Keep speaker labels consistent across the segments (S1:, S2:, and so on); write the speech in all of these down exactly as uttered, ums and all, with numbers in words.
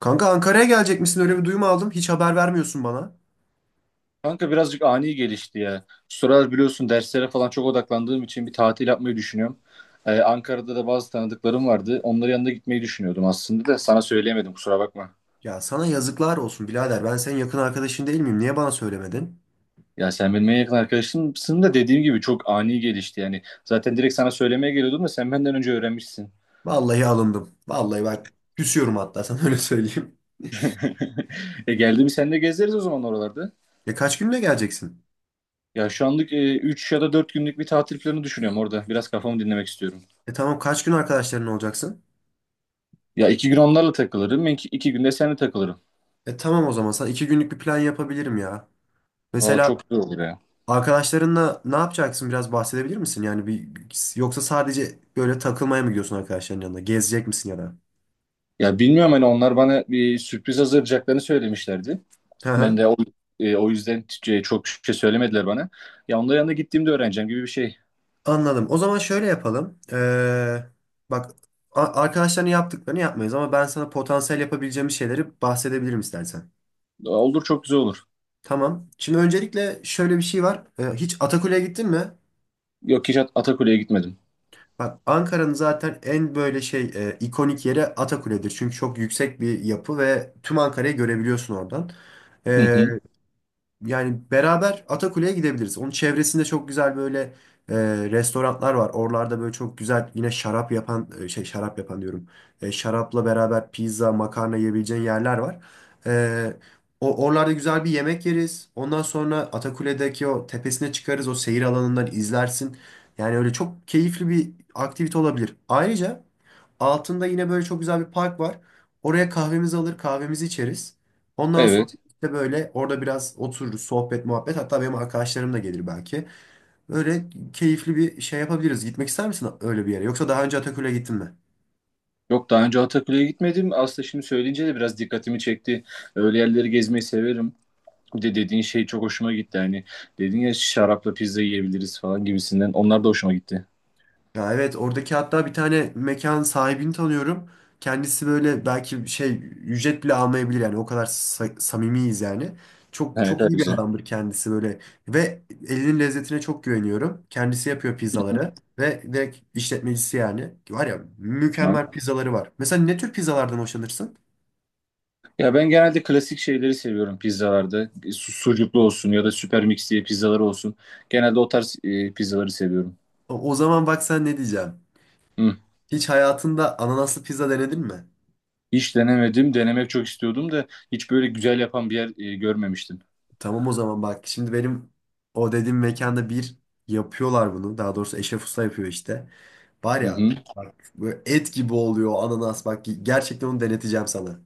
S1: Kanka Ankara'ya gelecek misin? Öyle bir duyum aldım. Hiç haber vermiyorsun bana.
S2: Kanka birazcık ani gelişti ya. Şu sıralar biliyorsun derslere falan çok odaklandığım için bir tatil yapmayı düşünüyorum. Ee, Ankara'da da bazı tanıdıklarım vardı. Onların yanına gitmeyi düşünüyordum aslında da sana söyleyemedim kusura bakma.
S1: Ya sana yazıklar olsun birader. Ben senin yakın arkadaşın değil miyim? Niye bana söylemedin?
S2: Ya sen benim en yakın arkadaşımsın da dediğim gibi çok ani gelişti yani. Zaten direkt sana söylemeye geliyordum da sen benden önce öğrenmişsin.
S1: Vallahi alındım. Vallahi bak küsüyorum hatta sana öyle söyleyeyim.
S2: E geldi mi sen de gezeriz o zaman oralarda.
S1: E kaç günle geleceksin?
S2: Ya şu anlık üç ya da dört günlük bir tatil planı düşünüyorum orada. Biraz kafamı dinlemek istiyorum.
S1: E tamam, kaç gün arkadaşların olacaksın?
S2: Ya iki gün onlarla takılırım. iki günde seninle takılırım.
S1: E tamam, o zaman sana iki günlük bir plan yapabilirim ya.
S2: Valla
S1: Mesela
S2: çok güzel olur ya.
S1: arkadaşlarınla ne yapacaksın, biraz bahsedebilir misin? Yani bir, yoksa sadece böyle takılmaya mı gidiyorsun arkadaşların yanına? Gezecek misin ya da?
S2: Ya bilmiyorum hani onlar bana bir sürpriz hazırlayacaklarını söylemişlerdi. Ben de o, e, o yüzden t- çok şey söylemediler bana. Ya onların yanına gittiğimde öğreneceğim gibi bir şey.
S1: Anladım. O zaman şöyle yapalım. Ee, bak a- arkadaşların yaptıklarını yapmayız ama ben sana potansiyel yapabileceğim şeyleri bahsedebilirim istersen.
S2: Olur çok güzel olur.
S1: Tamam. Şimdi öncelikle şöyle bir şey var. Ee, hiç Atakule'ye gittin mi?
S2: Yok hiç At- Atakule'ye gitmedim.
S1: Bak, Ankara'nın zaten en böyle şey e, ikonik yeri Atakule'dir. Çünkü çok yüksek bir yapı ve tüm Ankara'yı görebiliyorsun oradan.
S2: Hı
S1: Ee,
S2: hı.
S1: Yani beraber Atakule'ye gidebiliriz. Onun çevresinde çok güzel böyle e, restoranlar var. Oralarda böyle çok güzel yine şarap yapan e, şey şarap yapan diyorum. E, şarapla beraber pizza, makarna yiyebileceğin yerler var. E, o oralarda güzel bir yemek yeriz. Ondan sonra Atakule'deki o tepesine çıkarız. O seyir alanından izlersin. Yani öyle çok keyifli bir aktivite olabilir. Ayrıca altında yine böyle çok güzel bir park var. Oraya kahvemizi alır, kahvemizi içeriz. Ondan sonra
S2: Evet.
S1: de böyle orada biraz otururuz, sohbet, muhabbet. Hatta benim arkadaşlarım da gelir belki. Böyle keyifli bir şey yapabiliriz. Gitmek ister misin öyle bir yere? Yoksa daha önce Ataköy'e gittin mi?
S2: Yok daha önce Atakule'ye gitmedim. Aslında şimdi söyleyince de biraz dikkatimi çekti. Öyle yerleri gezmeyi severim. Bir de dediğin şey çok hoşuma gitti. Hani dedin ya şarapla pizza yiyebiliriz falan gibisinden. Onlar da hoşuma gitti.
S1: Ya evet, oradaki hatta bir tane mekan sahibini tanıyorum. Kendisi böyle belki şey ücret bile almayabilir yani, o kadar sa- samimiyiz yani. Çok
S2: Evet,
S1: çok
S2: evet,
S1: iyi bir
S2: güzel.
S1: adamdır kendisi böyle ve elinin lezzetine çok güveniyorum. Kendisi yapıyor pizzaları ve direkt işletmecisi yani. Var ya, mükemmel pizzaları var. Mesela ne tür pizzalardan hoşlanırsın?
S2: Ya ben genelde klasik şeyleri seviyorum pizzalarda. E, su- Sucuklu olsun ya da süper mix diye pizzaları olsun. Genelde o tarz e, pizzaları seviyorum.
S1: O, o zaman bak, sen ne diyeceğim.
S2: Hı.
S1: Hiç hayatında ananaslı pizza denedin mi?
S2: Hiç denemedim. Denemek çok istiyordum da hiç böyle güzel yapan bir yer e, görmemiştim.
S1: Tamam o zaman bak. Şimdi benim o dediğim mekanda bir yapıyorlar bunu. Daha doğrusu Eşref Usta yapıyor işte. Var
S2: Hı
S1: ya
S2: hı.
S1: bak, böyle et gibi oluyor o ananas. Bak gerçekten onu deneteceğim sana.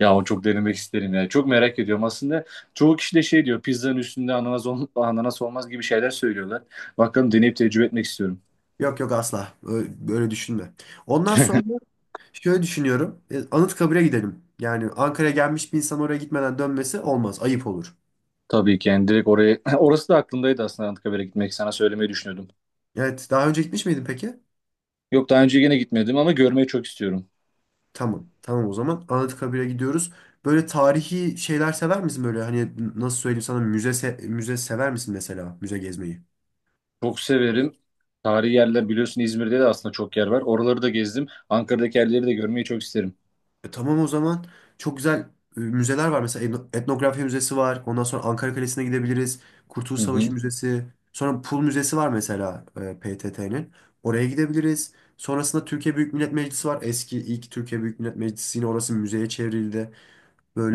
S2: Ya o çok denemek isterim ya. Çok merak ediyorum. Aslında çoğu kişi de şey diyor pizzanın üstünde ananas, ol- ananas olmaz gibi şeyler söylüyorlar. Bakalım deneyip tecrübe etmek istiyorum.
S1: Yok yok, asla. Öyle, böyle düşünme. Ondan sonra şöyle düşünüyorum. E, Anıtkabir'e gidelim. Yani Ankara'ya gelmiş bir insan oraya gitmeden dönmesi olmaz. Ayıp olur.
S2: Tabii ki yani direkt oraya orası da aklımdaydı aslında Anıtkabir'e gitmek sana söylemeyi düşünüyordum.
S1: Evet. Daha önce gitmiş miydin peki?
S2: Yok daha önce yine gitmedim ama görmeyi çok istiyorum.
S1: Tamam. Tamam o zaman. Anıtkabir'e gidiyoruz. Böyle tarihi şeyler sever misin, böyle hani nasıl söyleyeyim sana, müze se- müze sever misin, mesela müze gezmeyi?
S2: Çok severim. Tarihi yerler biliyorsun İzmir'de de aslında çok yer var. Oraları da gezdim. Ankara'daki yerleri de görmeyi çok isterim.
S1: E, tamam o zaman. Çok güzel e, müzeler var. Mesela etno- etnografya müzesi var. Ondan sonra Ankara Kalesi'ne gidebiliriz. Kurtuluş
S2: Hı hı.
S1: Savaşı Müzesi. Sonra Pul Müzesi var mesela, P T T'nin. Oraya gidebiliriz. Sonrasında Türkiye Büyük Millet Meclisi var. Eski ilk Türkiye Büyük Millet Meclisi yine orası müzeye çevrildi.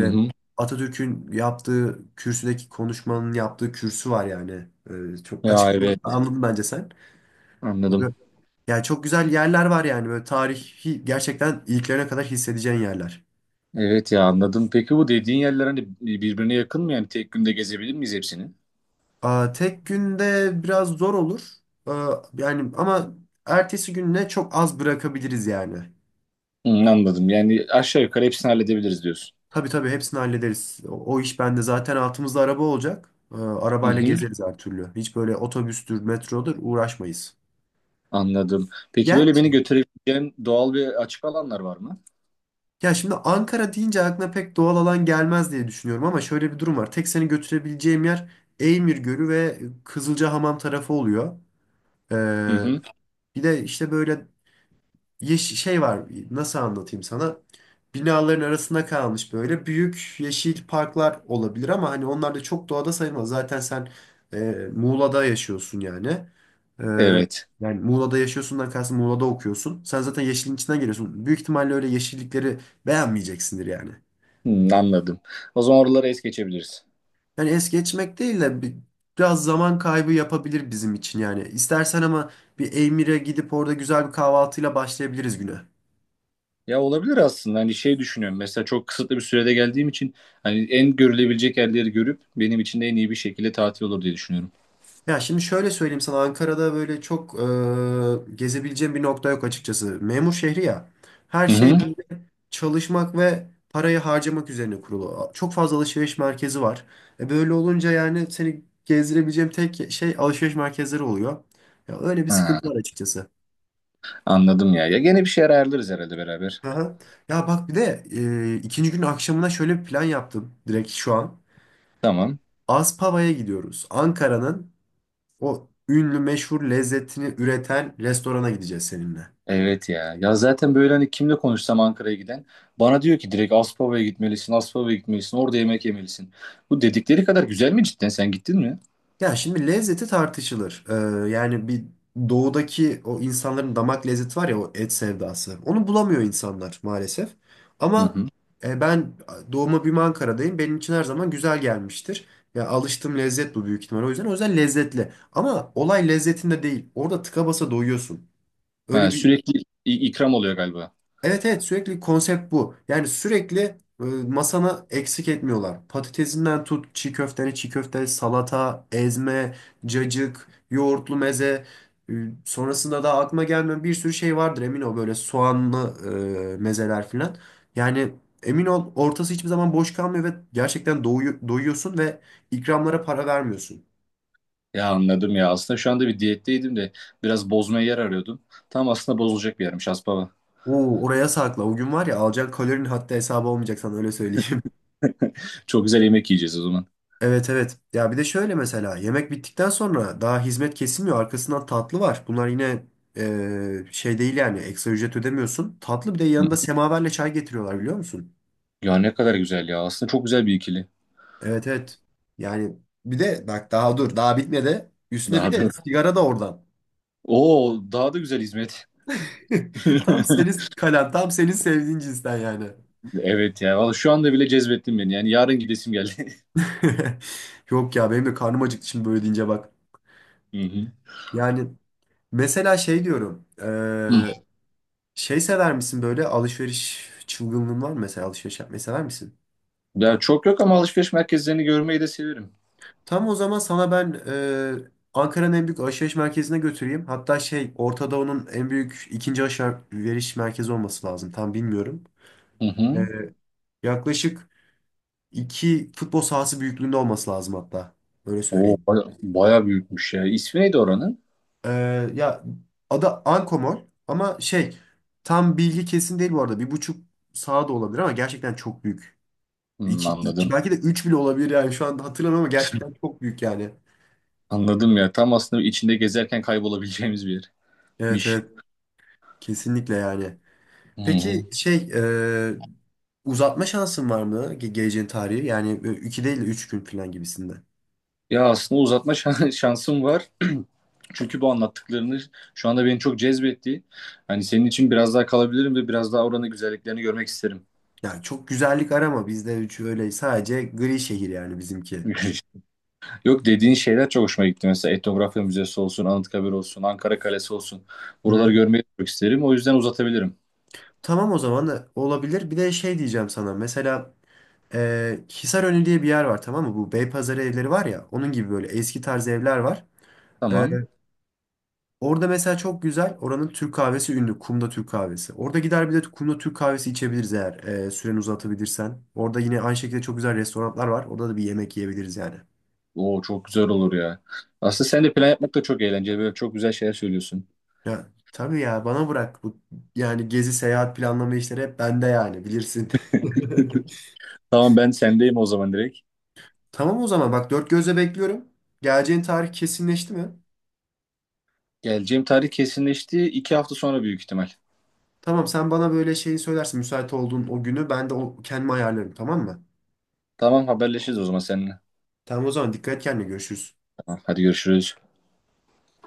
S2: Hı hı.
S1: Atatürk'ün yaptığı kürsüdeki konuşmanın yaptığı kürsü var yani. Ee, çok
S2: Ya
S1: açıklamanı da
S2: evet
S1: anladın bence sen.
S2: anladım.
S1: Böyle- Yani çok güzel yerler var yani, böyle tarihi gerçekten iliklerine kadar hissedeceğin yerler.
S2: Evet ya anladım. Peki bu dediğin yerler hani birbirine yakın mı? Yani tek günde gezebilir miyiz hepsini?
S1: Aa, tek günde biraz zor olur. Aa, yani ama ertesi gününe çok az bırakabiliriz yani.
S2: Hı, anladım. Yani aşağı yukarı hepsini halledebiliriz diyorsun.
S1: Tabii tabii, hepsini hallederiz. O, o iş bende, zaten altımızda araba olacak. Ee,
S2: Hı
S1: arabayla
S2: hı.
S1: gezeriz her türlü. Hiç böyle otobüstür, metrodur uğraşmayız.
S2: Anladım. Peki böyle
S1: Gerçi
S2: beni götürebileceğin doğal ve açık alanlar var mı?
S1: ya şimdi Ankara deyince aklına pek doğal alan gelmez diye düşünüyorum ama şöyle bir durum var. Tek seni götürebileceğim yer Eymir Gölü ve Kızılcahamam tarafı oluyor.
S2: Hı
S1: Ee,
S2: hı.
S1: Bir de işte böyle yeş şey var, nasıl anlatayım sana? Binaların arasında kalmış böyle büyük yeşil parklar olabilir ama hani onlar da çok doğada sayılmaz. Zaten sen e, Muğla'da yaşıyorsun yani. Ee,
S2: Evet.
S1: Yani Muğla'da yaşıyorsundan kastım Muğla'da okuyorsun. Sen zaten yeşilin içinden geliyorsun. Büyük ihtimalle öyle yeşillikleri beğenmeyeceksindir yani.
S2: Hı, anladım. O zaman oraları es geçebiliriz.
S1: Yani es geçmek değil de bi- biraz zaman kaybı yapabilir bizim için yani. İstersen ama bir Eymir'e gidip orada güzel bir kahvaltıyla başlayabiliriz güne.
S2: Ya olabilir aslında hani şey düşünüyorum mesela çok kısıtlı bir sürede geldiğim için hani en görülebilecek yerleri görüp benim için de en iyi bir şekilde tatil olur diye düşünüyorum.
S1: Ya şimdi şöyle söyleyeyim sana, Ankara'da böyle çok e, gezebileceğim bir nokta yok açıkçası. Memur şehri ya. Her
S2: Hı
S1: şey
S2: hı.
S1: böyle çalışmak ve parayı harcamak üzerine kurulu. Çok fazla alışveriş merkezi var. E böyle olunca yani seni gezdirebileceğim tek şey alışveriş merkezleri oluyor. Ya öyle bir
S2: Ha,
S1: sıkıntı var açıkçası.
S2: anladım ya. Ya gene bir şeyler ayarlarız herhalde beraber.
S1: Aha. Ya bak bir de e, ikinci gün akşamına şöyle bir plan yaptım direkt şu an.
S2: Tamam.
S1: Aspava'ya gidiyoruz. Ankara'nın o ünlü meşhur lezzetini üreten restorana gideceğiz seninle.
S2: Evet ya. Ya zaten böyle hani kimle konuşsam Ankara'ya giden bana diyor ki direkt Aspava'ya gitmelisin, Aspava'ya gitmelisin, orada yemek yemelisin. Bu dedikleri kadar güzel mi cidden? Sen gittin mi?
S1: Ya şimdi lezzeti tartışılır. Ee, yani bir doğudaki o insanların damak lezzeti var ya, o et sevdası. Onu bulamıyor insanlar maalesef.
S2: Hı
S1: Ama
S2: hı.
S1: e, ben doğuma büyüme Ankara'dayım. Benim için her zaman güzel gelmiştir. Ya alıştığım lezzet bu büyük ihtimal. O yüzden o yüzden lezzetli. Ama olay lezzetinde değil. Orada tıka basa doyuyorsun.
S2: Ha,
S1: Öyle bir
S2: sürekli i- ikram oluyor galiba.
S1: evet evet, sürekli konsept bu. Yani sürekli e, masana eksik etmiyorlar. Patatesinden tut, çiğ köfteni, çiğ köfte, salata, ezme, cacık, yoğurtlu meze. e, Sonrasında da aklıma gelmeyen bir sürü şey vardır emin ol, böyle soğanlı e, mezeler filan. Yani emin ol, ortası hiçbir zaman boş kalmıyor ve gerçekten doyu- doyuyorsun ve ikramlara para vermiyorsun.
S2: Ya anladım ya. Aslında şu anda bir diyetteydim de biraz bozmaya yer arıyordum. Tam aslında bozulacak bir yermiş Aspava.
S1: Oo, oraya sakla. O gün var ya, alacağın kalorinin hatta hesabı olmayacak sana öyle söyleyeyim.
S2: Çok güzel yemek yiyeceğiz o zaman.
S1: Evet evet. Ya bir de şöyle mesela yemek bittikten sonra daha hizmet kesilmiyor. Arkasından tatlı var. Bunlar yine e, şey değil yani, ekstra ücret ödemiyorsun. Tatlı bir de
S2: Hı.
S1: yanında semaverle çay getiriyorlar, biliyor musun?
S2: Ya ne kadar güzel ya. Aslında çok güzel bir ikili.
S1: Evet evet. Yani bir de bak, daha dur daha bitmedi. Üstüne bir
S2: Daha
S1: de
S2: da.
S1: sigara da oradan.
S2: Oo, daha da güzel hizmet.
S1: Tam senin kalan tam senin sevdiğin cinsten yani.
S2: Evet ya. Valla şu anda bile cezbettin beni. Yani yarın gidesim geldi.
S1: Yok ya, benim de karnım acıktı şimdi böyle deyince bak.
S2: Hı hı.
S1: Yani mesela şey diyorum.
S2: Hı.
S1: Şey sever misin, böyle alışveriş çılgınlığın var mı, mesela alışveriş yapmayı sever misin?
S2: Ya çok yok ama alışveriş merkezlerini görmeyi de severim.
S1: Tam o zaman sana ben e, Ankara'nın en büyük alışveriş merkezine götüreyim. Hatta şey Orta Doğu'nun en büyük ikinci alışveriş merkezi olması lazım. Tam bilmiyorum.
S2: Hı
S1: E,
S2: hı.
S1: Yaklaşık iki futbol sahası büyüklüğünde olması lazım hatta. Öyle
S2: Oo,
S1: söyleyeyim.
S2: baya, baya büyükmüş ya. İsmi neydi oranın?
S1: E, Ya adı Ankomol ama şey tam bilgi kesin değil bu arada. Bir buçuk saha da olabilir ama gerçekten çok büyük.
S2: Hı,
S1: İki, iki,
S2: anladım.
S1: belki de üç bile olabilir yani şu anda hatırlamıyorum ama gerçekten çok büyük yani.
S2: Anladım ya. Tam aslında içinde gezerken kaybolabileceğimiz bir
S1: Evet
S2: yermiş.
S1: evet, kesinlikle yani.
S2: Hı hı.
S1: Peki şey e, uzatma şansın var mı ge- geleceğin tarihi? Yani e, iki değil de üç gün falan gibisinde.
S2: Ya aslında uzatma şan- şansım var. Çünkü bu anlattıklarını şu anda beni çok cezbetti. Hani senin için biraz daha kalabilirim ve biraz daha oranın güzelliklerini görmek isterim.
S1: Yani çok güzellik arama bizde, üç öyle sadece gri şehir yani bizimki.
S2: Yok dediğin şeyler çok hoşuma gitti. Mesela Etnografya Müzesi olsun, Anıtkabir olsun, Ankara Kalesi olsun. Buraları
S1: Hı.
S2: görmeyi çok isterim. O yüzden uzatabilirim.
S1: Tamam, o zaman da olabilir. Bir de şey diyeceğim sana, mesela e, Hisarönü diye bir yer var, tamam mı? Bu Beypazarı evleri var ya, onun gibi böyle eski tarz evler var.
S2: Tamam.
S1: Orada mesela çok güzel. Oranın Türk kahvesi ünlü. Kumda Türk kahvesi. Orada gider bir de Kumda Türk kahvesi içebiliriz eğer e, süreni uzatabilirsen. Orada yine aynı şekilde çok güzel restoranlar var. Orada da bir yemek yiyebiliriz yani.
S2: Oo çok güzel olur ya. Aslında sen de plan yapmak da çok eğlenceli. Böyle çok güzel şeyler söylüyorsun.
S1: Ya tabii ya, bana bırak bu, yani gezi seyahat planlama işleri hep bende yani, bilirsin.
S2: Tamam ben sendeyim o zaman direkt.
S1: Tamam o zaman bak, dört gözle bekliyorum. Geleceğin tarih kesinleşti mi?
S2: Geleceğim tarih kesinleşti. İki hafta sonra büyük ihtimal.
S1: Tamam, sen bana böyle şeyi söylersin müsait olduğun o günü, ben de o, kendimi ayarlarım tamam mı?
S2: Tamam haberleşiriz o zaman seninle.
S1: Tamam o zaman, dikkat et kendine, görüşürüz.
S2: Tamam, hadi görüşürüz.